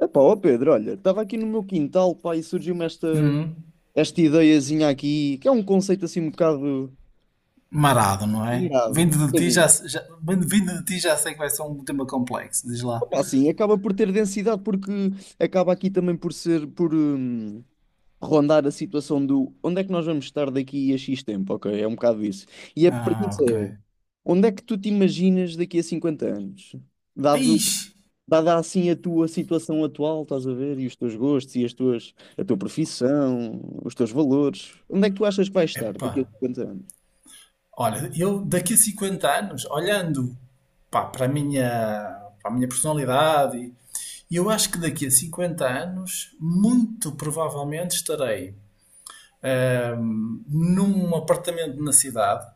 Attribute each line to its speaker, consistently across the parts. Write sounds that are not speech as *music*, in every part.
Speaker 1: Epá, ó Pedro, olha, estava aqui no meu quintal, pá, e surgiu-me esta,
Speaker 2: Hum.
Speaker 1: esta ideiazinha aqui, que é um conceito assim um bocado
Speaker 2: Marado, não é?
Speaker 1: engraçado.
Speaker 2: Vindo de ti já, se- já, vindo de ti já sei que vai ser um tema complexo, diz lá.
Speaker 1: Opa, assim, acaba por ter densidade porque acaba aqui também por ser, por rondar a situação do onde é que nós vamos estar daqui a X tempo, ok? É um bocado isso. E a
Speaker 2: Ah,
Speaker 1: premissa
Speaker 2: ok.
Speaker 1: é, onde é que tu te imaginas daqui a 50 anos? Dado
Speaker 2: Ixi,
Speaker 1: dada assim a tua situação atual, estás a ver, e os teus gostos e a tua profissão, os teus valores, onde é que tu achas que vais estar daqui a
Speaker 2: epá.
Speaker 1: cinquenta anos?
Speaker 2: Olha, eu daqui a 50 anos, olhando pá, para a minha personalidade, eu acho que daqui a 50 anos, muito provavelmente estarei num apartamento na cidade.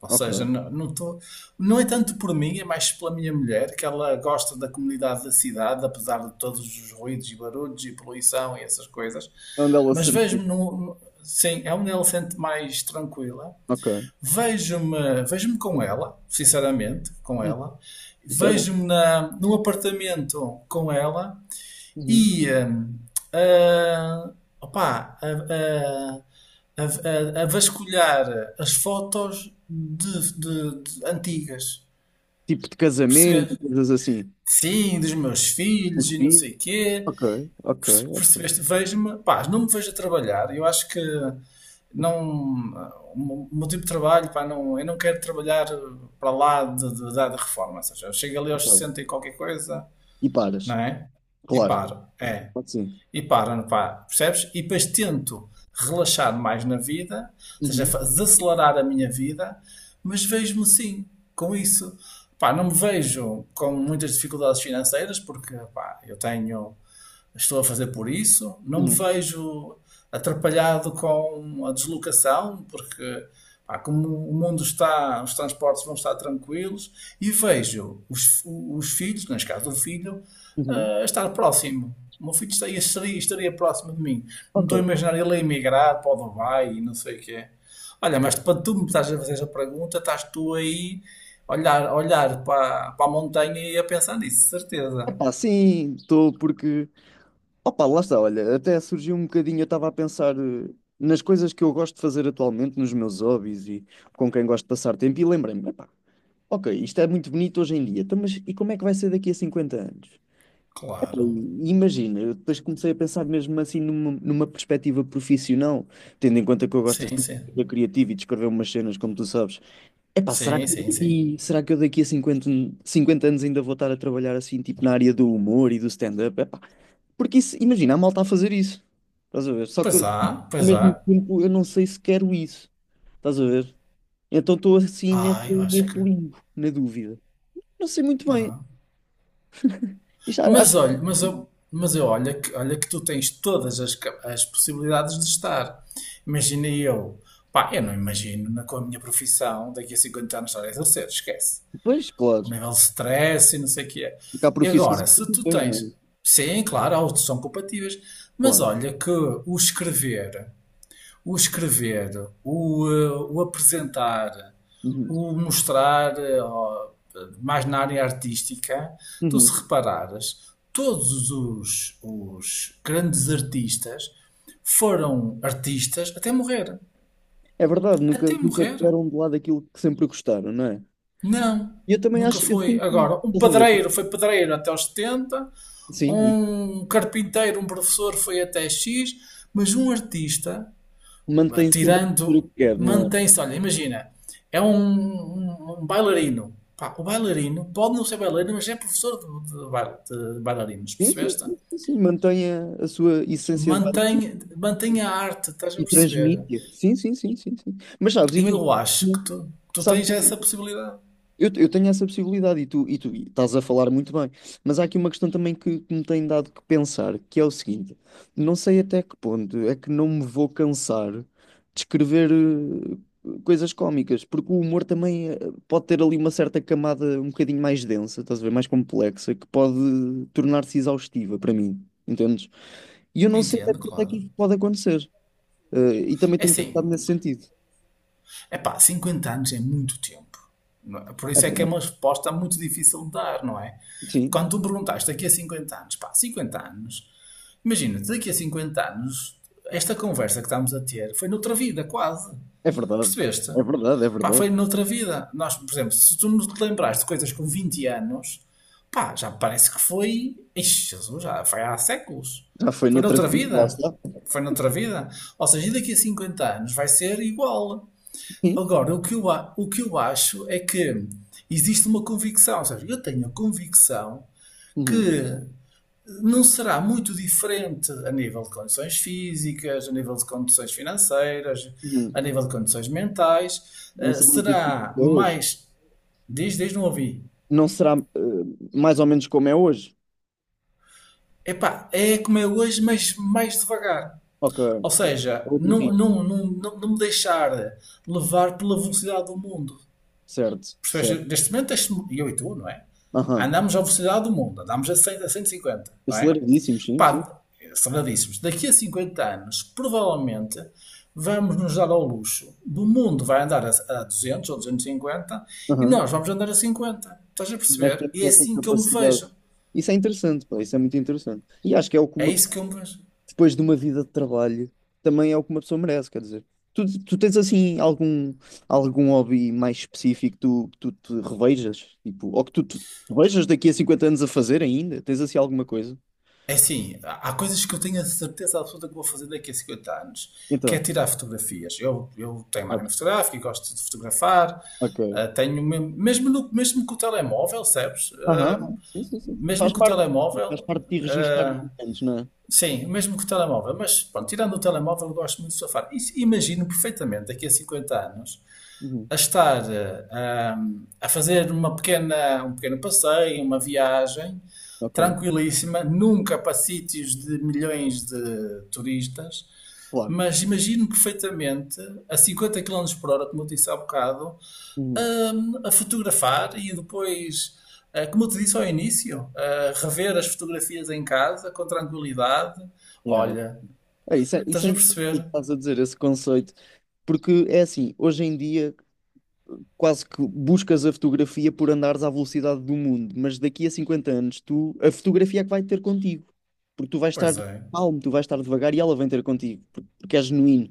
Speaker 2: Ou seja,
Speaker 1: Ok.
Speaker 2: não, não, não é tanto por mim, é mais pela minha mulher, que ela gosta da comunidade da cidade, apesar de todos os ruídos e barulhos e poluição e essas coisas.
Speaker 1: É onde ela se
Speaker 2: Mas
Speaker 1: sente.
Speaker 2: vejo-me num. Sim, é onde ela se sente mais tranquila.
Speaker 1: Ok.
Speaker 2: Vejo-me com ela, sinceramente, com
Speaker 1: Hum,
Speaker 2: ela.
Speaker 1: isso é bom.
Speaker 2: Vejo-me num apartamento com ela
Speaker 1: Uhum.
Speaker 2: e ah, opá, a vasculhar as fotos de, de antigas,
Speaker 1: Tipo de casamento,
Speaker 2: perceber?
Speaker 1: coisas assim.
Speaker 2: Sim, dos meus
Speaker 1: Os
Speaker 2: filhos e não
Speaker 1: filhos.
Speaker 2: sei quê.
Speaker 1: Ok, ok, ok,
Speaker 2: Percebeste? Vejo-me, pá, não me vejo a trabalhar. Eu acho que não, o meu tipo de trabalho, pá, não, eu não quero trabalhar para lá da reforma. Ou seja, eu chego ali
Speaker 1: ok.
Speaker 2: aos 60 e qualquer coisa,
Speaker 1: E
Speaker 2: não
Speaker 1: paras.
Speaker 2: é? E
Speaker 1: Claro,
Speaker 2: paro. É.
Speaker 1: pode sim.
Speaker 2: E para, pá, percebes? E depois tento relaxar mais na vida, ou seja,
Speaker 1: Uhum,
Speaker 2: desacelerar a minha vida, mas vejo-me sim com isso. Pá, não me vejo com muitas dificuldades financeiras, porque pá, eu tenho estou a fazer por isso, não me
Speaker 1: uhum,
Speaker 2: vejo atrapalhado com a deslocação, porque pá, como o mundo está, os transportes vão estar tranquilos, e vejo os filhos, neste caso o filho,
Speaker 1: uhum.
Speaker 2: a estar próximo. O meu filho estaria próximo de mim. Não estou
Speaker 1: Ok.
Speaker 2: a imaginar ele a emigrar para o Dubai e não sei o que é. Olha, mas para tu me estás a fazer essa pergunta, estás tu aí a olhar para a montanha e a pensar nisso, certeza.
Speaker 1: Epá, sim, estou porque opa, lá está, olha, até surgiu um bocadinho, eu estava a pensar nas coisas que eu gosto de fazer atualmente, nos meus hobbies e com quem gosto de passar tempo, e lembrei-me, epá, ok, isto é muito bonito hoje em dia, então, mas e como é que vai ser daqui a 50 anos?
Speaker 2: Claro.
Speaker 1: E imagina, eu depois comecei a pensar mesmo assim numa perspectiva profissional, tendo em conta que eu gosto
Speaker 2: Sim,
Speaker 1: assim, de ser
Speaker 2: sim.
Speaker 1: criativo e de escrever umas cenas, como tu sabes. Epá,
Speaker 2: Sim, sim, sim.
Speaker 1: será que eu daqui a 50 anos ainda vou estar a trabalhar assim, tipo na área do humor e do stand-up? Epá, porque isso, imagina a malta a fazer isso. Estás a ver? Só que
Speaker 2: Pois há,
Speaker 1: ao
Speaker 2: pois há.
Speaker 1: mesmo tempo eu não sei se quero isso. Estás a ver? Então estou assim
Speaker 2: Ah, eu acho
Speaker 1: neste
Speaker 2: que.
Speaker 1: limbo, na dúvida. Não sei muito bem.
Speaker 2: Ah.
Speaker 1: Isto, acho
Speaker 2: Mas
Speaker 1: que
Speaker 2: olha, mas eu olha que tu tens todas as possibilidades de estar. Imagina eu. Pá, eu não imagino com a minha profissão daqui a 50 anos estar a exercer, esquece.
Speaker 1: depois,
Speaker 2: O
Speaker 1: claro.
Speaker 2: nível de stress e não sei o que é.
Speaker 1: Porque há
Speaker 2: E
Speaker 1: profissões e
Speaker 2: agora, se tu
Speaker 1: profissões, não
Speaker 2: tens.
Speaker 1: é?
Speaker 2: Sim, claro, há outros que são compatíveis. Mas
Speaker 1: Claro.
Speaker 2: olha que o escrever. O escrever, o apresentar,
Speaker 1: Uhum.
Speaker 2: o mostrar, ó, mais na área artística, tu
Speaker 1: Uhum.
Speaker 2: se reparares, todos os grandes artistas foram artistas até morrer.
Speaker 1: É verdade,
Speaker 2: Até
Speaker 1: nunca
Speaker 2: morrer.
Speaker 1: deram de lado aquilo que sempre gostaram, não é?
Speaker 2: Não,
Speaker 1: E eu também
Speaker 2: nunca
Speaker 1: acho, eu
Speaker 2: foi.
Speaker 1: sinto isso,
Speaker 2: Agora, um
Speaker 1: estás a ver?
Speaker 2: padreiro foi padreiro até aos setenta,
Speaker 1: Sim,
Speaker 2: um carpinteiro, um professor foi até X, mas um artista
Speaker 1: e mantém sempre a fazer o
Speaker 2: tirando,
Speaker 1: que quer, não é?
Speaker 2: mantém-se. Olha, imagina, é um bailarino. Pá, o bailarino pode não ser bailarino, mas é professor de bailarinos,
Speaker 1: Sim, sim,
Speaker 2: percebeste?
Speaker 1: sim, sim, sim, mantém a sua essência de base.
Speaker 2: Mantém, mantém a arte, estás a
Speaker 1: E
Speaker 2: perceber?
Speaker 1: transmite. Sim, sim, sim, sim, sim. Mas sabes,
Speaker 2: E
Speaker 1: imagina,
Speaker 2: eu acho que tu
Speaker 1: sabes,
Speaker 2: tens essa possibilidade.
Speaker 1: eu tenho essa possibilidade e tu estás a falar muito bem. Mas há aqui uma questão também que me tem dado que pensar, que é o seguinte: não sei até que ponto é que não me vou cansar de escrever coisas cómicas, porque o humor também pode ter ali uma certa camada um bocadinho mais densa, estás a ver, mais complexa, que pode tornar-se exaustiva para mim, entendes? E eu não sei até
Speaker 2: Entendo,
Speaker 1: que ponto é que
Speaker 2: claro.
Speaker 1: isso pode acontecer. E também
Speaker 2: É
Speaker 1: tenho
Speaker 2: assim,
Speaker 1: pensado nesse sentido.
Speaker 2: é pá, cinquenta anos é muito tempo. Não é? Por
Speaker 1: É
Speaker 2: isso é que é
Speaker 1: verdade.
Speaker 2: uma resposta muito difícil de dar, não é?
Speaker 1: Sim,
Speaker 2: Quando tu me perguntaste daqui a 50 anos, pá, 50 anos, imagina, daqui a 50 anos, esta conversa que estamos a ter foi noutra vida, quase.
Speaker 1: é verdade.
Speaker 2: Percebeste?
Speaker 1: É verdade, é
Speaker 2: Pá,
Speaker 1: verdade.
Speaker 2: foi noutra vida. Nós, por exemplo, se tu nos lembraste de coisas com 20 anos, pá, já parece que foi. Ixi, Jesus, já foi há séculos.
Speaker 1: Já foi
Speaker 2: Foi
Speaker 1: noutra
Speaker 2: noutra
Speaker 1: vida, lá
Speaker 2: vida.
Speaker 1: está.
Speaker 2: Foi noutra vida. Ou seja, e daqui a 50 anos vai ser igual.
Speaker 1: Sim.
Speaker 2: Agora, o que eu acho é que existe uma convicção. Ou seja, eu tenho a convicção
Speaker 1: Uhum.
Speaker 2: que não será muito diferente a nível de condições físicas, a nível de condições financeiras,
Speaker 1: Uhum.
Speaker 2: a nível de condições mentais.
Speaker 1: Não
Speaker 2: Eh,
Speaker 1: será muito difícil
Speaker 2: será
Speaker 1: até hoje.
Speaker 2: mais. Diz, diz, não ouvi.
Speaker 1: Não será eh, Mais ou menos como é hoje.
Speaker 2: Epá, é como é hoje, mas mais devagar.
Speaker 1: Ok.
Speaker 2: Ou
Speaker 1: É
Speaker 2: seja,
Speaker 1: outro
Speaker 2: não,
Speaker 1: ritmo.
Speaker 2: não, não, não, não me deixar levar pela velocidade do mundo.
Speaker 1: Certo, certo.
Speaker 2: Percebes? Neste momento, eu e tu, não é?
Speaker 1: Aham.
Speaker 2: Andamos à velocidade do mundo, andamos a 100, a 150, não é?
Speaker 1: Aceleradíssimo, sim, sim.
Speaker 2: Pá, são daqui a 50 anos, provavelmente, vamos nos dar ao luxo. O mundo vai andar a 200 ou 250 e cinquenta e
Speaker 1: Aham.
Speaker 2: nós vamos andar a 50. Estás a
Speaker 1: Nós
Speaker 2: perceber?
Speaker 1: temos
Speaker 2: E é
Speaker 1: essa
Speaker 2: assim que eu me
Speaker 1: capacidade.
Speaker 2: vejo.
Speaker 1: Isso é interessante, pá. Isso é muito interessante. E acho que é o que
Speaker 2: É
Speaker 1: uma
Speaker 2: isso que eu me vejo.
Speaker 1: depois de uma vida de trabalho, também é o que uma pessoa merece, quer dizer. Tu, tu tens assim algum, algum hobby mais específico que tu, tu te revejas? Tipo, ou que tu te revejas daqui a 50 anos a fazer ainda? Tens assim alguma coisa?
Speaker 2: É assim, há coisas que eu tenho a certeza absoluta que vou fazer daqui a 50 anos, que é
Speaker 1: Então,
Speaker 2: tirar fotografias. Eu tenho
Speaker 1: ah,
Speaker 2: máquina fotográfica, e gosto de fotografar,
Speaker 1: ok.
Speaker 2: tenho mesmo, mesmo, mesmo com o telemóvel, sabes?
Speaker 1: Aham,
Speaker 2: Ah,
Speaker 1: sim, sim, sim.
Speaker 2: mesmo com o
Speaker 1: Faz
Speaker 2: telemóvel.
Speaker 1: parte de ti registar os
Speaker 2: Uh,
Speaker 1: eventos, não é?
Speaker 2: Sim, o mesmo que o telemóvel, mas pronto, tirando o telemóvel, eu gosto muito de surfar. E imagino perfeitamente daqui a 50 anos
Speaker 1: Uhum,
Speaker 2: a estar ah, a fazer um pequeno passeio, uma viagem
Speaker 1: ok,
Speaker 2: tranquilíssima, nunca para sítios de milhões de turistas,
Speaker 1: claro.
Speaker 2: mas imagino perfeitamente a 50 km por hora, como eu disse há bocado,
Speaker 1: Uhum.
Speaker 2: a fotografar e depois, como eu te disse ao início, rever as fotografias em casa com tranquilidade.
Speaker 1: Yeah, yeah.
Speaker 2: Olha,
Speaker 1: É, isso
Speaker 2: estás
Speaker 1: é
Speaker 2: a
Speaker 1: interessante o
Speaker 2: perceber?
Speaker 1: que estás a dizer, esse conceito, porque é assim, hoje em dia quase que buscas a fotografia por andares à velocidade do mundo, mas daqui a 50 anos tu, a fotografia é que vai ter contigo, porque tu vais estar
Speaker 2: Pois é.
Speaker 1: calmo, tu vais estar devagar e ela vem ter contigo, porque é genuíno.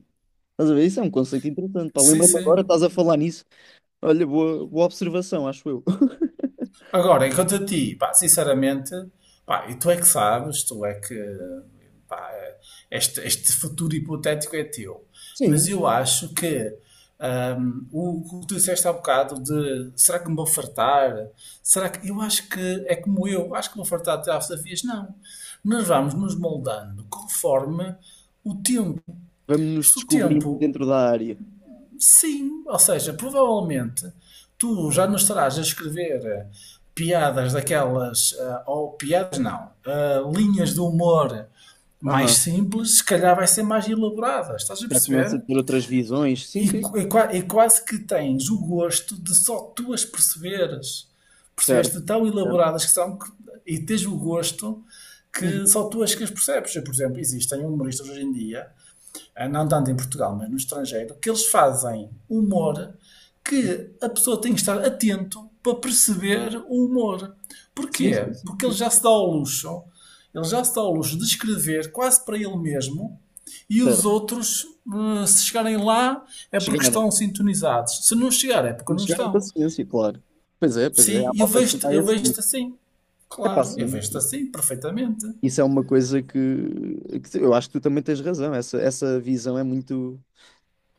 Speaker 1: Estás a ver? Isso é um conceito interessante, pá.
Speaker 2: Sim,
Speaker 1: Lembra-me agora,
Speaker 2: sim.
Speaker 1: estás a falar nisso. Olha, boa, boa observação, acho eu. *laughs*
Speaker 2: Agora, enquanto a ti, pá, sinceramente, pá, e tu é que sabes, tu é que, pá, este futuro hipotético é teu. Mas
Speaker 1: Sim.
Speaker 2: eu acho que o que tu disseste há bocado de será que me vou fartar? Será que. Eu acho que é como eu, acho que vou fartar até às desafios. Não. Nós vamos nos moldando conforme o tempo.
Speaker 1: Vamos nos
Speaker 2: Se o
Speaker 1: descobrir
Speaker 2: tempo
Speaker 1: dentro da área.
Speaker 2: Sim, ou seja, provavelmente tu já não estarás a escrever piadas daquelas, ou piadas não, linhas de humor mais
Speaker 1: Aham.
Speaker 2: simples, se calhar vai ser mais elaborada, estás a
Speaker 1: Já começa
Speaker 2: perceber?
Speaker 1: a ter outras visões. Sim,
Speaker 2: E,
Speaker 1: sim.
Speaker 2: qu- e qua- e quase que tens o gosto de só tu as perceberes, percebeste?
Speaker 1: Certo.
Speaker 2: Tão
Speaker 1: Certo.
Speaker 2: elaboradas que são, e tens o gosto que
Speaker 1: Uhum.
Speaker 2: só tu as que as percebes. Eu, por exemplo, existem humoristas hoje em dia não tanto em Portugal, mas no estrangeiro, que eles fazem humor que a pessoa tem que estar atento para perceber o humor.
Speaker 1: Sim, sim,
Speaker 2: Porquê?
Speaker 1: sim,
Speaker 2: Porque ele
Speaker 1: sim.
Speaker 2: já se dá ao luxo, ele já se dá ao luxo de escrever quase para ele mesmo e os
Speaker 1: Certo.
Speaker 2: outros, se chegarem lá, é porque
Speaker 1: Chegar.
Speaker 2: estão sintonizados. Se não chegar, é porque
Speaker 1: Não
Speaker 2: não
Speaker 1: chegaram
Speaker 2: estão.
Speaker 1: paciência, claro. Pois é,
Speaker 2: Sim,
Speaker 1: há
Speaker 2: eu
Speaker 1: malta que
Speaker 2: vejo-te,
Speaker 1: vai
Speaker 2: eu
Speaker 1: assim.
Speaker 2: vejo-te assim.
Speaker 1: É pá,
Speaker 2: Claro, eu
Speaker 1: sim,
Speaker 2: vejo-te assim, perfeitamente.
Speaker 1: isso é uma coisa que eu acho que tu também tens razão. Essa visão é muito,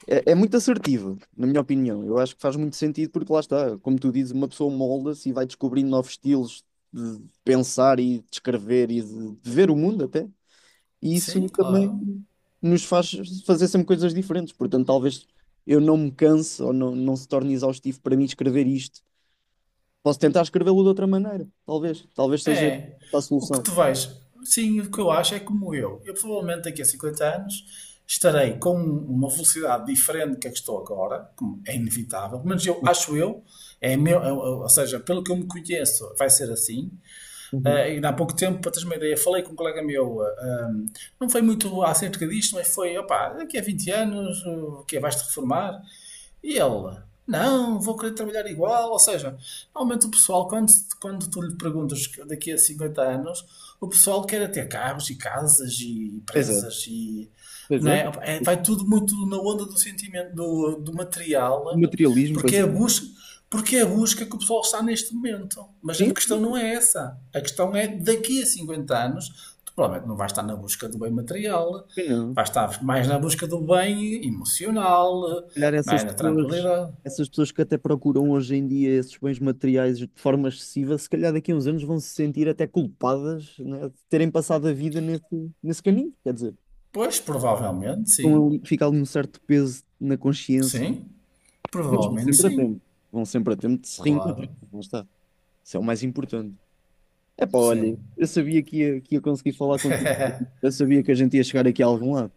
Speaker 1: é muito assertiva, na minha opinião. Eu acho que faz muito sentido porque lá está, como tu dizes, uma pessoa molda-se e vai descobrindo novos estilos de pensar e de escrever e de ver o mundo até. E isso
Speaker 2: Sim,
Speaker 1: também
Speaker 2: claro.
Speaker 1: nos faz fazer sempre coisas diferentes. Portanto, talvez eu não me canse ou não, não se torne exaustivo para mim escrever isto. Posso tentar escrevê-lo de outra maneira, talvez. Talvez seja
Speaker 2: É.
Speaker 1: a
Speaker 2: O que
Speaker 1: solução.
Speaker 2: tu vais. Sim, o que eu acho é como eu. Eu provavelmente daqui a 50 anos estarei com uma velocidade diferente que a que estou agora, como é inevitável, mas eu acho é meu, ou seja, pelo que eu me conheço, vai ser assim. Ah,
Speaker 1: Uhum.
Speaker 2: e há pouco tempo, para teres uma ideia, falei com um colega meu, não foi muito acerca disto, mas foi, opá, daqui a 20 anos, o que é? Vais-te reformar? E ele, não, vou querer trabalhar igual. Ou seja, normalmente o pessoal, quando tu lhe perguntas daqui a 50 anos, o pessoal quer é ter carros e casas e
Speaker 1: Pois é,
Speaker 2: empresas e.
Speaker 1: pois
Speaker 2: Não
Speaker 1: é.
Speaker 2: é? Vai tudo muito na onda do sentimento, do
Speaker 1: O
Speaker 2: material,
Speaker 1: materialismo, pois
Speaker 2: porque é a
Speaker 1: é.
Speaker 2: busca, porque é a busca que o pessoal está neste momento. Mas a
Speaker 1: Sim,
Speaker 2: questão não é essa. A questão é daqui a 50 anos, tu provavelmente não vais estar na busca do bem material,
Speaker 1: também não.
Speaker 2: vais
Speaker 1: Se
Speaker 2: estar mais na busca do bem emocional,
Speaker 1: calhar
Speaker 2: não é? Na tranquilidade.
Speaker 1: essas pessoas que até procuram hoje em dia esses bens materiais de forma excessiva, se calhar daqui a uns anos vão se sentir até culpadas, né, de terem passado a vida nesse caminho. Quer dizer,
Speaker 2: Pois, provavelmente, sim.
Speaker 1: fica ali um certo peso na consciência.
Speaker 2: Sim,
Speaker 1: Mas vão
Speaker 2: provavelmente
Speaker 1: sempre a
Speaker 2: sim.
Speaker 1: tempo. Vão sempre a tempo de se reencontrar.
Speaker 2: Claro,
Speaker 1: Lá está. Isso é o mais importante. É pá, olha,
Speaker 2: sim.
Speaker 1: eu sabia que ia conseguir falar contigo.
Speaker 2: *laughs*
Speaker 1: Eu sabia que a gente ia chegar aqui a algum lado.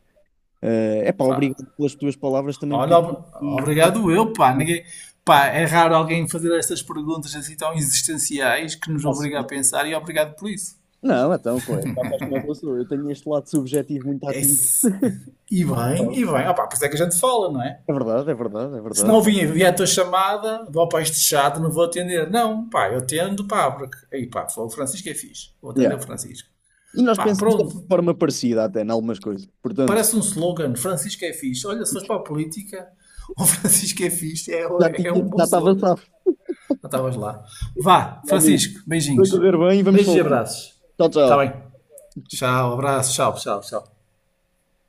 Speaker 1: É pá,
Speaker 2: Pá,
Speaker 1: obrigado pelas tuas palavras, também me
Speaker 2: olha,
Speaker 1: fiz aqui.
Speaker 2: obrigado eu, pá. Ninguém, pá. É raro alguém fazer estas perguntas assim tão existenciais que nos
Speaker 1: Faço
Speaker 2: obriga a pensar e obrigado por isso.
Speaker 1: não, então, claro, já sabes como é que eu sou. Eu tenho este lado subjetivo muito
Speaker 2: É.
Speaker 1: ativo.
Speaker 2: E bem, e bem. Ah, pá, por isso é que a gente fala, não é?
Speaker 1: É verdade, é verdade, é
Speaker 2: Se
Speaker 1: verdade.
Speaker 2: não vier a tua chamada, vou para este chato, não vou atender. Não, pá, eu atendo, pá, porque. Aí, pá, foi o Francisco é fixe. Vou atender o
Speaker 1: Yeah.
Speaker 2: Francisco.
Speaker 1: E nós
Speaker 2: Pá,
Speaker 1: pensamos de
Speaker 2: pronto.
Speaker 1: forma parecida até, em algumas coisas. Portanto,
Speaker 2: Parece um slogan, Francisco é fixe. Olha, se fores para a política, *laughs* o Francisco é fixe,
Speaker 1: já
Speaker 2: é
Speaker 1: tinha,
Speaker 2: um bom
Speaker 1: já estava
Speaker 2: slogan.
Speaker 1: safo,
Speaker 2: Já estavas lá. Vá,
Speaker 1: meu amigo.
Speaker 2: Francisco,
Speaker 1: Vai
Speaker 2: beijinhos.
Speaker 1: correr bem e vamos
Speaker 2: Beijos e
Speaker 1: falando.
Speaker 2: abraços.
Speaker 1: Tchau,
Speaker 2: Está bem.
Speaker 1: tchau.
Speaker 2: Tchau, abraço, tchau. Tchau, tchau.